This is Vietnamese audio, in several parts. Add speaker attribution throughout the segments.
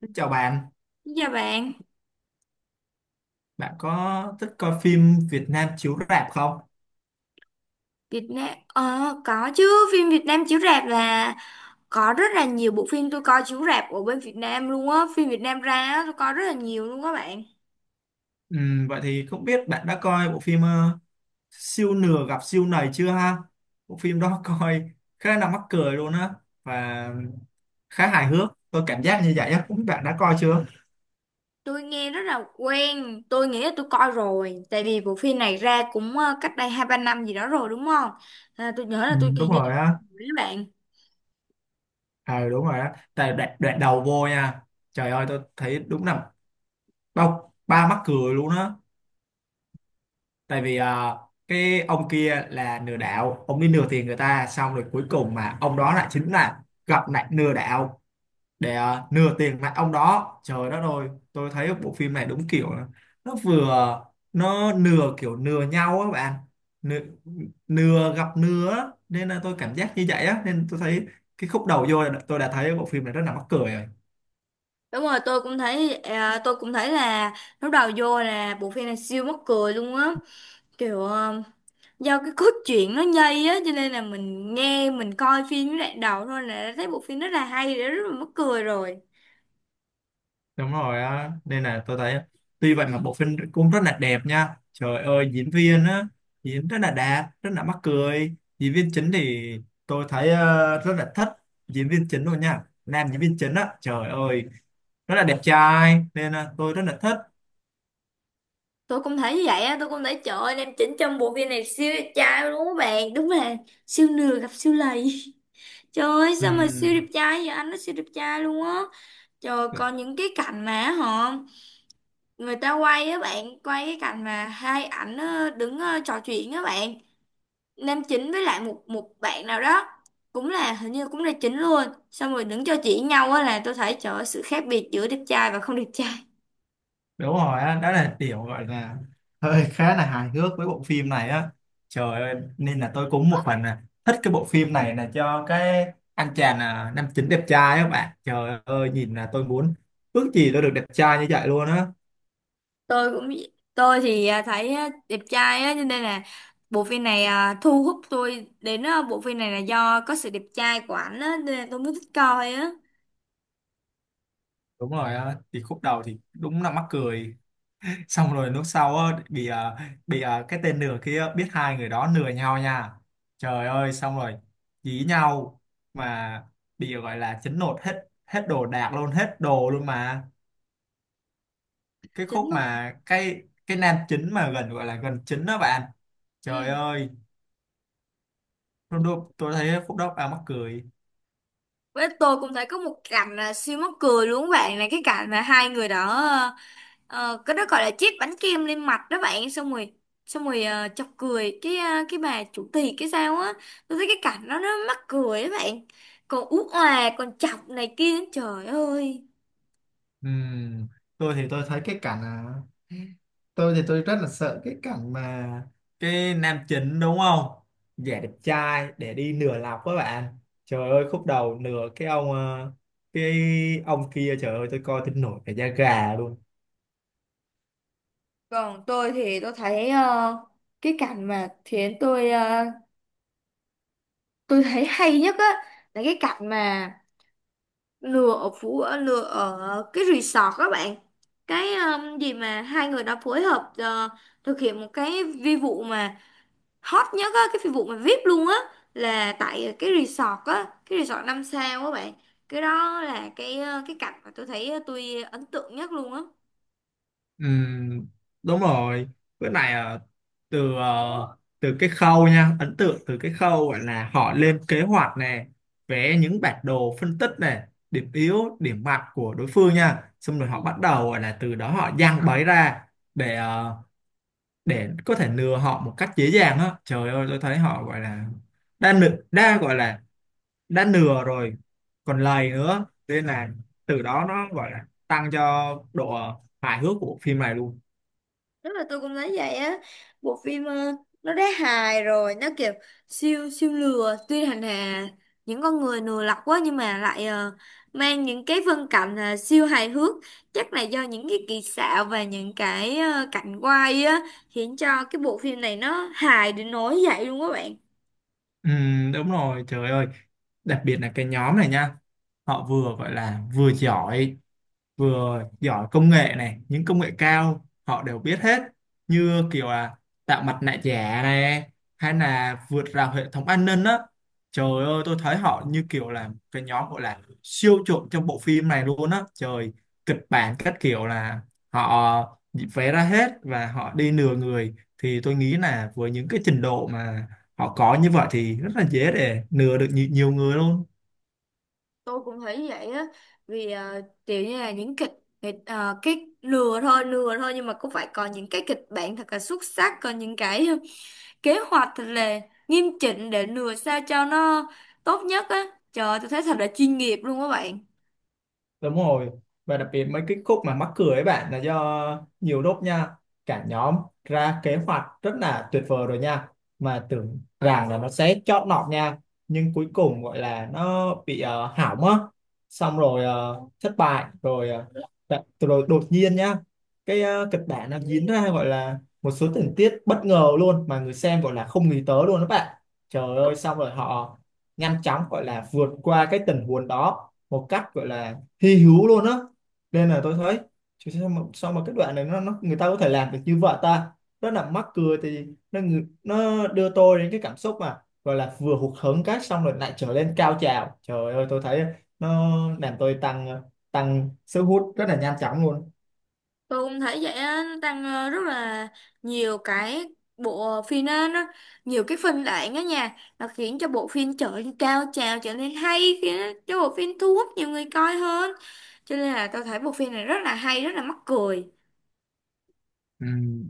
Speaker 1: Xin chào bạn,
Speaker 2: Dạ bạn,
Speaker 1: bạn có thích coi phim Việt Nam chiếu rạp không?
Speaker 2: Việt Nam có chứ, phim Việt Nam chiếu rạp là có rất là nhiều bộ phim tôi coi chiếu rạp ở bên Việt Nam luôn á, phim Việt Nam ra á, tôi coi rất là nhiều luôn á bạn.
Speaker 1: Vậy thì không biết bạn đã coi bộ phim Siêu Nửa Gặp Siêu nầy chưa ha? Bộ phim đó coi khá là mắc cười luôn á và khá hài hước. Tôi cảm giác như vậy á, không biết bạn đã coi chưa?
Speaker 2: Tôi nghe rất là quen, tôi nghĩ là tôi coi rồi, tại vì bộ phim này ra cũng cách đây hai ba năm gì đó rồi đúng không? À, tôi nhớ là tôi
Speaker 1: Đúng
Speaker 2: hình như tôi
Speaker 1: rồi
Speaker 2: coi
Speaker 1: á,
Speaker 2: rồi các bạn.
Speaker 1: à, đúng rồi á. Tại đoạn đầu vô nha, trời ơi tôi thấy đúng là bao ba mắc cười luôn á. Tại vì cái ông kia là lừa đảo, ông đi lừa tiền người ta, xong rồi cuối cùng mà ông đó lại chính là gặp lại lừa đảo để lừa tiền lại ông đó. Trời đất ơi, tôi thấy bộ phim này đúng kiểu là nó vừa nó lừa, kiểu lừa nhau á bạn. lừa, lừa gặp lừa á. Nên là tôi cảm giác như vậy á, nên tôi thấy cái khúc đầu vô là tôi đã thấy bộ phim này rất là mắc cười rồi.
Speaker 2: Đúng rồi, tôi cũng thấy tôi cũng thấy là lúc đầu vô là bộ phim này siêu mắc cười luôn á. Kiểu do cái cốt truyện nó nhây á cho nên là mình nghe mình coi phim với đoạn đầu thôi là đã thấy bộ phim rất là hay rồi, rất là mắc cười rồi.
Speaker 1: Đúng rồi á, nên là tôi thấy tuy vậy mà bộ phim cũng rất là đẹp nha. Trời ơi, diễn viên á diễn rất là đạt, rất là mắc cười. Diễn viên chính thì tôi thấy rất là thích diễn viên chính luôn nha. Nam diễn viên chính á, trời ơi rất là đẹp trai nên là tôi rất là thích.
Speaker 2: Tôi cũng thấy như vậy á, tôi cũng thấy trời ơi nam chính trong bộ phim này siêu đẹp trai luôn các bạn, đúng là siêu nửa gặp siêu lầy. Trời ơi sao mà siêu đẹp trai vậy, anh nó siêu đẹp trai luôn á trời.
Speaker 1: Ừm,
Speaker 2: Còn những cái cảnh mà người ta quay á bạn, quay cái cảnh mà hai ảnh đứng trò chuyện á bạn, nam chính với lại một một bạn nào đó cũng là, hình như cũng là chính luôn, xong rồi đứng cho chỉ nhau á, là tôi thấy trời ơi, sự khác biệt giữa đẹp trai và không đẹp trai.
Speaker 1: Đúng rồi á, đó là kiểu gọi là hơi khá là hài hước với bộ phim này á. Trời ơi, nên là tôi cũng một phần là thích cái bộ phim này là cho cái anh chàng nam chính đẹp trai á bạn. Trời ơi, nhìn là tôi muốn ước gì tôi được đẹp trai như vậy luôn á.
Speaker 2: Tôi cũng, tôi thì thấy đẹp trai á cho nên là bộ phim này, thu hút tôi đến, bộ phim này là do có sự đẹp trai của ảnh á nên là tôi mới thích coi á.
Speaker 1: Đúng rồi á, thì khúc đầu thì đúng là mắc cười, xong rồi lúc sau á, bị cái tên nửa kia biết hai người đó nửa nhau nha. Trời ơi, xong rồi dí nhau, mà bị gọi là chấn nột hết, hết đồ đạc luôn, hết đồ luôn. Mà cái
Speaker 2: Chính
Speaker 1: khúc
Speaker 2: luôn.
Speaker 1: mà cái nam chính mà gần gọi là gần chính đó bạn, trời
Speaker 2: Ừ,
Speaker 1: ơi tôi, tôi thấy khúc đó à mắc cười.
Speaker 2: với tôi cũng thấy có một cảnh là siêu mắc cười luôn các bạn, là cái cảnh mà hai người đó à, ờ, cái đó gọi là chiếc bánh kem lên mặt đó bạn, xong rồi chọc cười cái cái bà chủ tiệc cái sao á, tôi thấy cái cảnh đó nó mắc cười đó bạn, còn ú òa còn chọc này kia trời ơi.
Speaker 1: Ừm, tôi thì tôi thấy cái cảnh à, tôi thì tôi rất là sợ cái cảnh mà cái nam chính đúng không, giả đẹp trai để đi nửa lọc các bạn. Trời ơi, khúc đầu nửa cái ông cái ông kia, trời ơi tôi coi tôi nổi cả da gà luôn.
Speaker 2: Còn tôi thì tôi thấy cái cảnh mà khiến tôi tôi thấy hay nhất á, là cái cảnh mà lừa ở phú ở lừa ở cái resort các bạn, cái gì mà hai người đó phối hợp thực hiện một cái vi vụ mà hot nhất á, cái vụ mà VIP luôn á, là tại cái resort á, cái resort năm sao á bạn. Cái đó là cái cái cảnh mà tôi thấy tôi ấn tượng nhất luôn á.
Speaker 1: Ừm, Đúng rồi. Bữa này từ cái khâu nha, ấn tượng từ cái khâu gọi là họ lên kế hoạch nè, vẽ những bản đồ phân tích nè, điểm yếu điểm mạnh của đối phương nha, xong rồi họ bắt đầu gọi là từ đó họ giăng bẫy ra để để có thể lừa họ một cách dễ dàng á. Trời ơi, tôi thấy họ gọi là đã gọi là đã nửa rồi còn lầy nữa, nên là từ đó nó gọi là tăng cho độ hài hước của phim này luôn.
Speaker 2: Rất là, tôi cũng thấy vậy á, bộ phim nó đã hài rồi, nó kiểu siêu siêu lừa tuy hành hà những con người lừa lọc quá nhưng mà lại mang những cái phân cảnh siêu hài hước, chắc là do những cái kỹ xảo và những cái cảnh quay á, khiến cho cái bộ phim này nó hài đến nỗi vậy luôn các bạn.
Speaker 1: Ừ, đúng rồi. Trời ơi, đặc biệt là cái nhóm này nha, họ vừa gọi là vừa giỏi công nghệ này, những công nghệ cao họ đều biết hết, như kiểu là tạo mặt nạ giả này, hay là vượt rào hệ thống an ninh á. Trời ơi, tôi thấy họ như kiểu là cái nhóm gọi là siêu trộm trong bộ phim này luôn á trời. Kịch bản các kiểu là họ vẽ ra hết và họ đi lừa người, thì tôi nghĩ là với những cái trình độ mà họ có như vậy thì rất là dễ để lừa được nhiều người luôn.
Speaker 2: Tôi cũng thấy vậy á, vì kiểu như là những kịch kịch ờ, cái lừa thôi nhưng mà cũng phải có những cái kịch bản thật là xuất sắc, có những cái kế hoạch thật là nghiêm chỉnh để lừa sao cho nó tốt nhất á. Trời ơi, tôi thấy thật là chuyên nghiệp luôn các bạn.
Speaker 1: Đúng rồi. Và đặc biệt mấy cái khúc mà mắc cười ấy bạn là do nhiều lúc nha, cả nhóm ra kế hoạch rất là tuyệt vời rồi nha. Mà tưởng rằng là nó sẽ chót lọt nha. Nhưng cuối cùng gọi là nó bị hỏng á. Xong rồi thất bại. Rồi đột nhiên nha. Cái kịch bản nó diễn ra gọi là một số tình tiết bất ngờ luôn. Mà người xem gọi là không nghĩ tới luôn đó bạn. Trời ơi, xong rồi họ nhanh chóng gọi là vượt qua cái tình huống đó một cách gọi là hy hữu luôn á. Nên là tôi thấy, chứ sao mà cái đoạn này nó người ta có thể làm được như vậy ta, rất là mắc cười. Thì nó đưa tôi đến cái cảm xúc mà gọi là vừa hụt hẫng, cái xong rồi lại trở lên cao trào. Trời ơi, tôi thấy nó làm tôi tăng tăng sức hút rất là nhanh chóng luôn.
Speaker 2: Tôi cũng thấy vậy á, nó tăng rất là nhiều cái, bộ phim á, nó nhiều cái phân đoạn á nha, nó khiến cho bộ phim trở nên cao trào, trở nên hay, khiến cho bộ phim thu hút nhiều người coi hơn. Cho nên là tôi thấy bộ phim này rất là hay, rất là mắc cười.
Speaker 1: Ừ,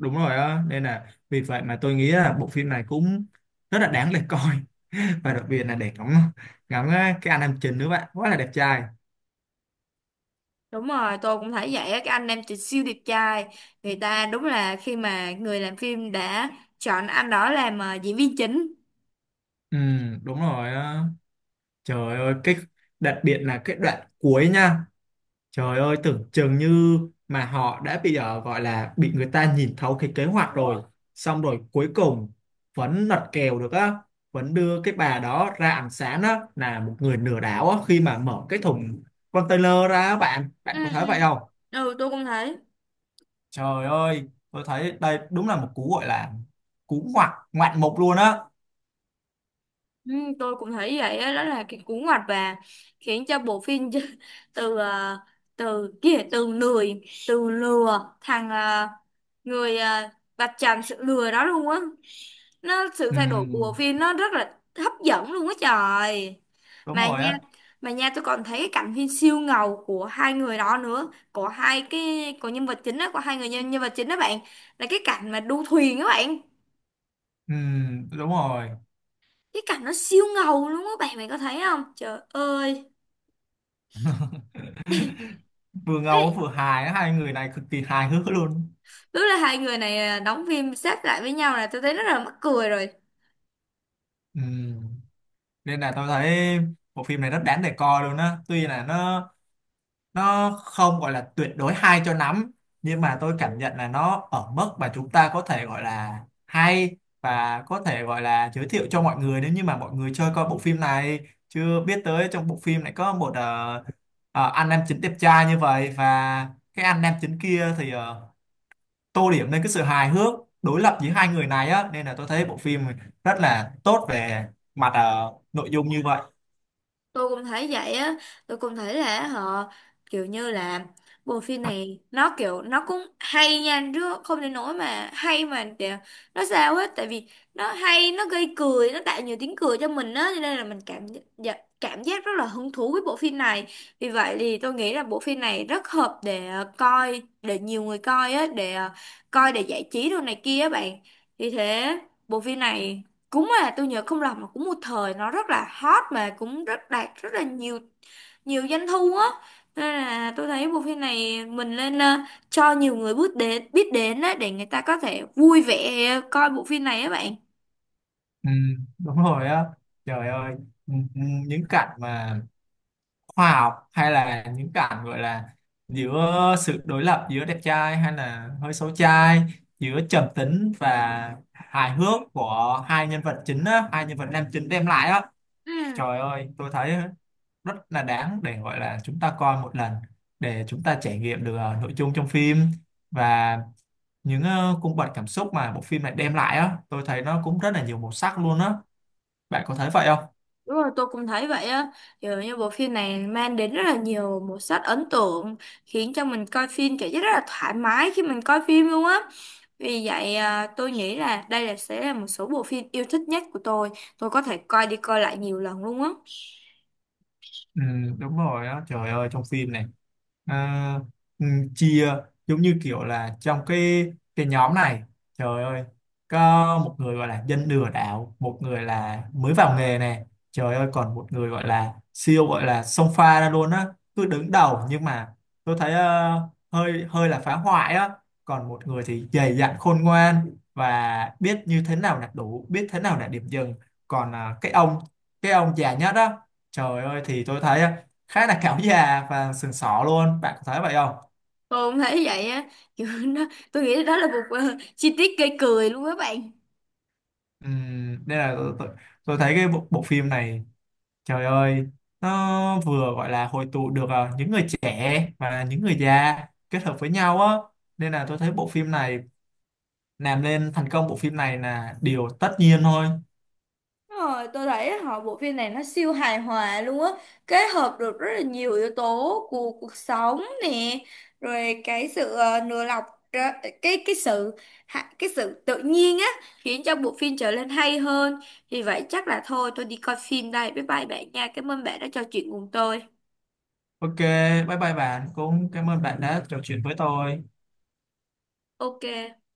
Speaker 1: đúng rồi á, nên là vì vậy mà tôi nghĩ là bộ phim này cũng rất là đáng để coi và đặc biệt là để ngắm ngắm cái anh nam chính nữa bạn, quá là đẹp trai.
Speaker 2: Đúng rồi, tôi cũng thấy vậy á, cái anh em chị siêu đẹp trai, người ta đúng là khi mà người làm phim đã chọn anh đó làm diễn viên chính.
Speaker 1: Ừ, đúng rồi á. Trời ơi, cái đặc biệt là cái đoạn cuối nha. Trời ơi, tưởng chừng như mà họ đã bị gọi là bị người ta nhìn thấu cái kế hoạch rồi. Xong rồi cuối cùng vẫn lật kèo được á. Vẫn đưa cái bà đó ra ánh sáng á, là một người lừa đảo á, khi mà mở cái thùng container ra á bạn. Bạn
Speaker 2: Ừ,
Speaker 1: có
Speaker 2: ừ.
Speaker 1: thấy vậy không?
Speaker 2: Ừ, tôi cũng thấy.
Speaker 1: Trời ơi, tôi thấy đây đúng là một cú gọi là cú ngoạn mục luôn á.
Speaker 2: Ừ, tôi cũng thấy vậy á, đó là cái cú ngoặt và khiến cho bộ phim từ à, từ kia từ lười từ lừa thằng à, người à, vạch trần sự lừa đó luôn á, nó sự
Speaker 1: Ừ,
Speaker 2: thay đổi của bộ phim nó rất là hấp dẫn luôn á trời.
Speaker 1: đúng
Speaker 2: mà
Speaker 1: rồi
Speaker 2: nha
Speaker 1: á.
Speaker 2: mà nha tôi còn thấy cái cảnh phim siêu ngầu của hai người đó nữa, của hai cái, của nhân vật chính đó, của hai người nhân vật chính đó bạn, là cái cảnh mà đu thuyền đó bạn.
Speaker 1: Ừ, đúng rồi.
Speaker 2: Cái cảnh nó siêu ngầu luôn á bạn, bạn có thấy không trời ơi.
Speaker 1: Vừa ngầu
Speaker 2: Ý,
Speaker 1: vừa hài, hai người này cực kỳ hài hước luôn.
Speaker 2: tức là hai người này đóng phim sát lại với nhau là tôi thấy rất là mắc cười rồi.
Speaker 1: Ừ. Nên là tôi thấy bộ phim này rất đáng để coi luôn á, tuy là nó không gọi là tuyệt đối hay cho lắm, nhưng mà tôi cảm nhận là nó ở mức mà chúng ta có thể gọi là hay và có thể gọi là giới thiệu cho mọi người. Nếu như mà mọi người chơi coi bộ phim này, chưa biết tới trong bộ phim này có một anh nam chính đẹp trai như vậy, và cái anh nam chính kia thì tô điểm lên cái sự hài hước đối lập giữa hai người này á. Nên là tôi thấy bộ phim rất là tốt về mặt nội dung như vậy.
Speaker 2: Tôi cũng thấy vậy á, tôi cũng thấy là họ kiểu như là bộ phim này nó kiểu nó cũng hay nha, chứ không đến nỗi mà hay mà để nó sao hết, tại vì nó hay, nó gây cười, nó tạo nhiều tiếng cười cho mình á, cho nên là mình cảm, dạ, cảm giác rất là hứng thú với bộ phim này. Vì vậy thì tôi nghĩ là bộ phim này rất hợp để coi, để nhiều người coi á, để coi để giải trí đồ này kia á bạn. Vì thế bộ phim này cúng, tôi nhớ không lầm là cũng một thời nó rất là hot mà cũng rất đạt rất là nhiều nhiều doanh thu á. Nên là tôi thấy bộ phim này mình nên cho nhiều người biết đến á để người ta có thể vui vẻ coi bộ phim này á bạn.
Speaker 1: Ừ, đúng rồi á, trời ơi. ừ, ừ, những cảnh mà khoa học, hay là những cảnh gọi là giữa sự đối lập giữa đẹp trai hay là hơi xấu trai, giữa trầm tính và hài hước của hai nhân vật chính á, hai nhân vật nam chính đem lại á.
Speaker 2: Ừ.
Speaker 1: Trời ơi, tôi thấy rất là đáng để gọi là chúng ta coi một lần để chúng ta trải nghiệm được nội dung trong phim, và những cung bậc cảm xúc mà bộ phim này đem lại á. Tôi thấy nó cũng rất là nhiều màu sắc luôn á. Bạn có thấy vậy không?
Speaker 2: Đúng rồi, tôi cũng thấy vậy á. Kiểu như bộ phim này mang đến rất là nhiều màu sắc ấn tượng, khiến cho mình coi phim cảm giác rất là thoải mái khi mình coi phim luôn á. Vì vậy tôi nghĩ là đây là sẽ là một số bộ phim yêu thích nhất của tôi. Tôi có thể coi đi coi lại nhiều lần luôn á.
Speaker 1: Ừ, đúng rồi á. Trời ơi, trong phim này à, ừ, chia giống như kiểu là trong cái nhóm này, trời ơi có một người gọi là dân lừa đảo, một người là mới vào nghề này, trời ơi còn một người gọi là siêu gọi là xông pha ra luôn á, cứ đứng đầu, nhưng mà tôi thấy ờ, hơi hơi là phá hoại á. Còn một người thì dày dặn, khôn ngoan, và biết như thế nào là đủ, biết thế nào là điểm dừng. Còn cái ông già nhất á, trời ơi thì tôi thấy á khá là cáo già và sừng sỏ luôn, bạn có thấy vậy không?
Speaker 2: Tôi cũng thấy vậy á. Kiểu nó, tôi nghĩ đó là một chi tiết gây cười luôn các bạn.
Speaker 1: Nên là tôi thấy cái bộ phim này, trời ơi, nó vừa gọi là hội tụ được những người trẻ và những người già kết hợp với nhau á. Nên là tôi thấy bộ phim này làm nên thành công bộ phim này là điều tất nhiên thôi.
Speaker 2: Đúng rồi, tôi thấy họ bộ phim này nó siêu hài hòa luôn á, kết hợp được rất là nhiều yếu tố của cuộc sống nè, rồi cái sự nửa lọc ra- cái sự cái sự tự nhiên á, khiến cho bộ phim trở nên hay hơn. Vì vậy chắc là thôi tôi đi coi phim đây. Bye bye bạn nha. Cảm ơn bạn đã trò chuyện cùng tôi.
Speaker 1: OK, bye bye bạn, cũng cảm ơn bạn đã trò chuyện với tôi.
Speaker 2: Ok.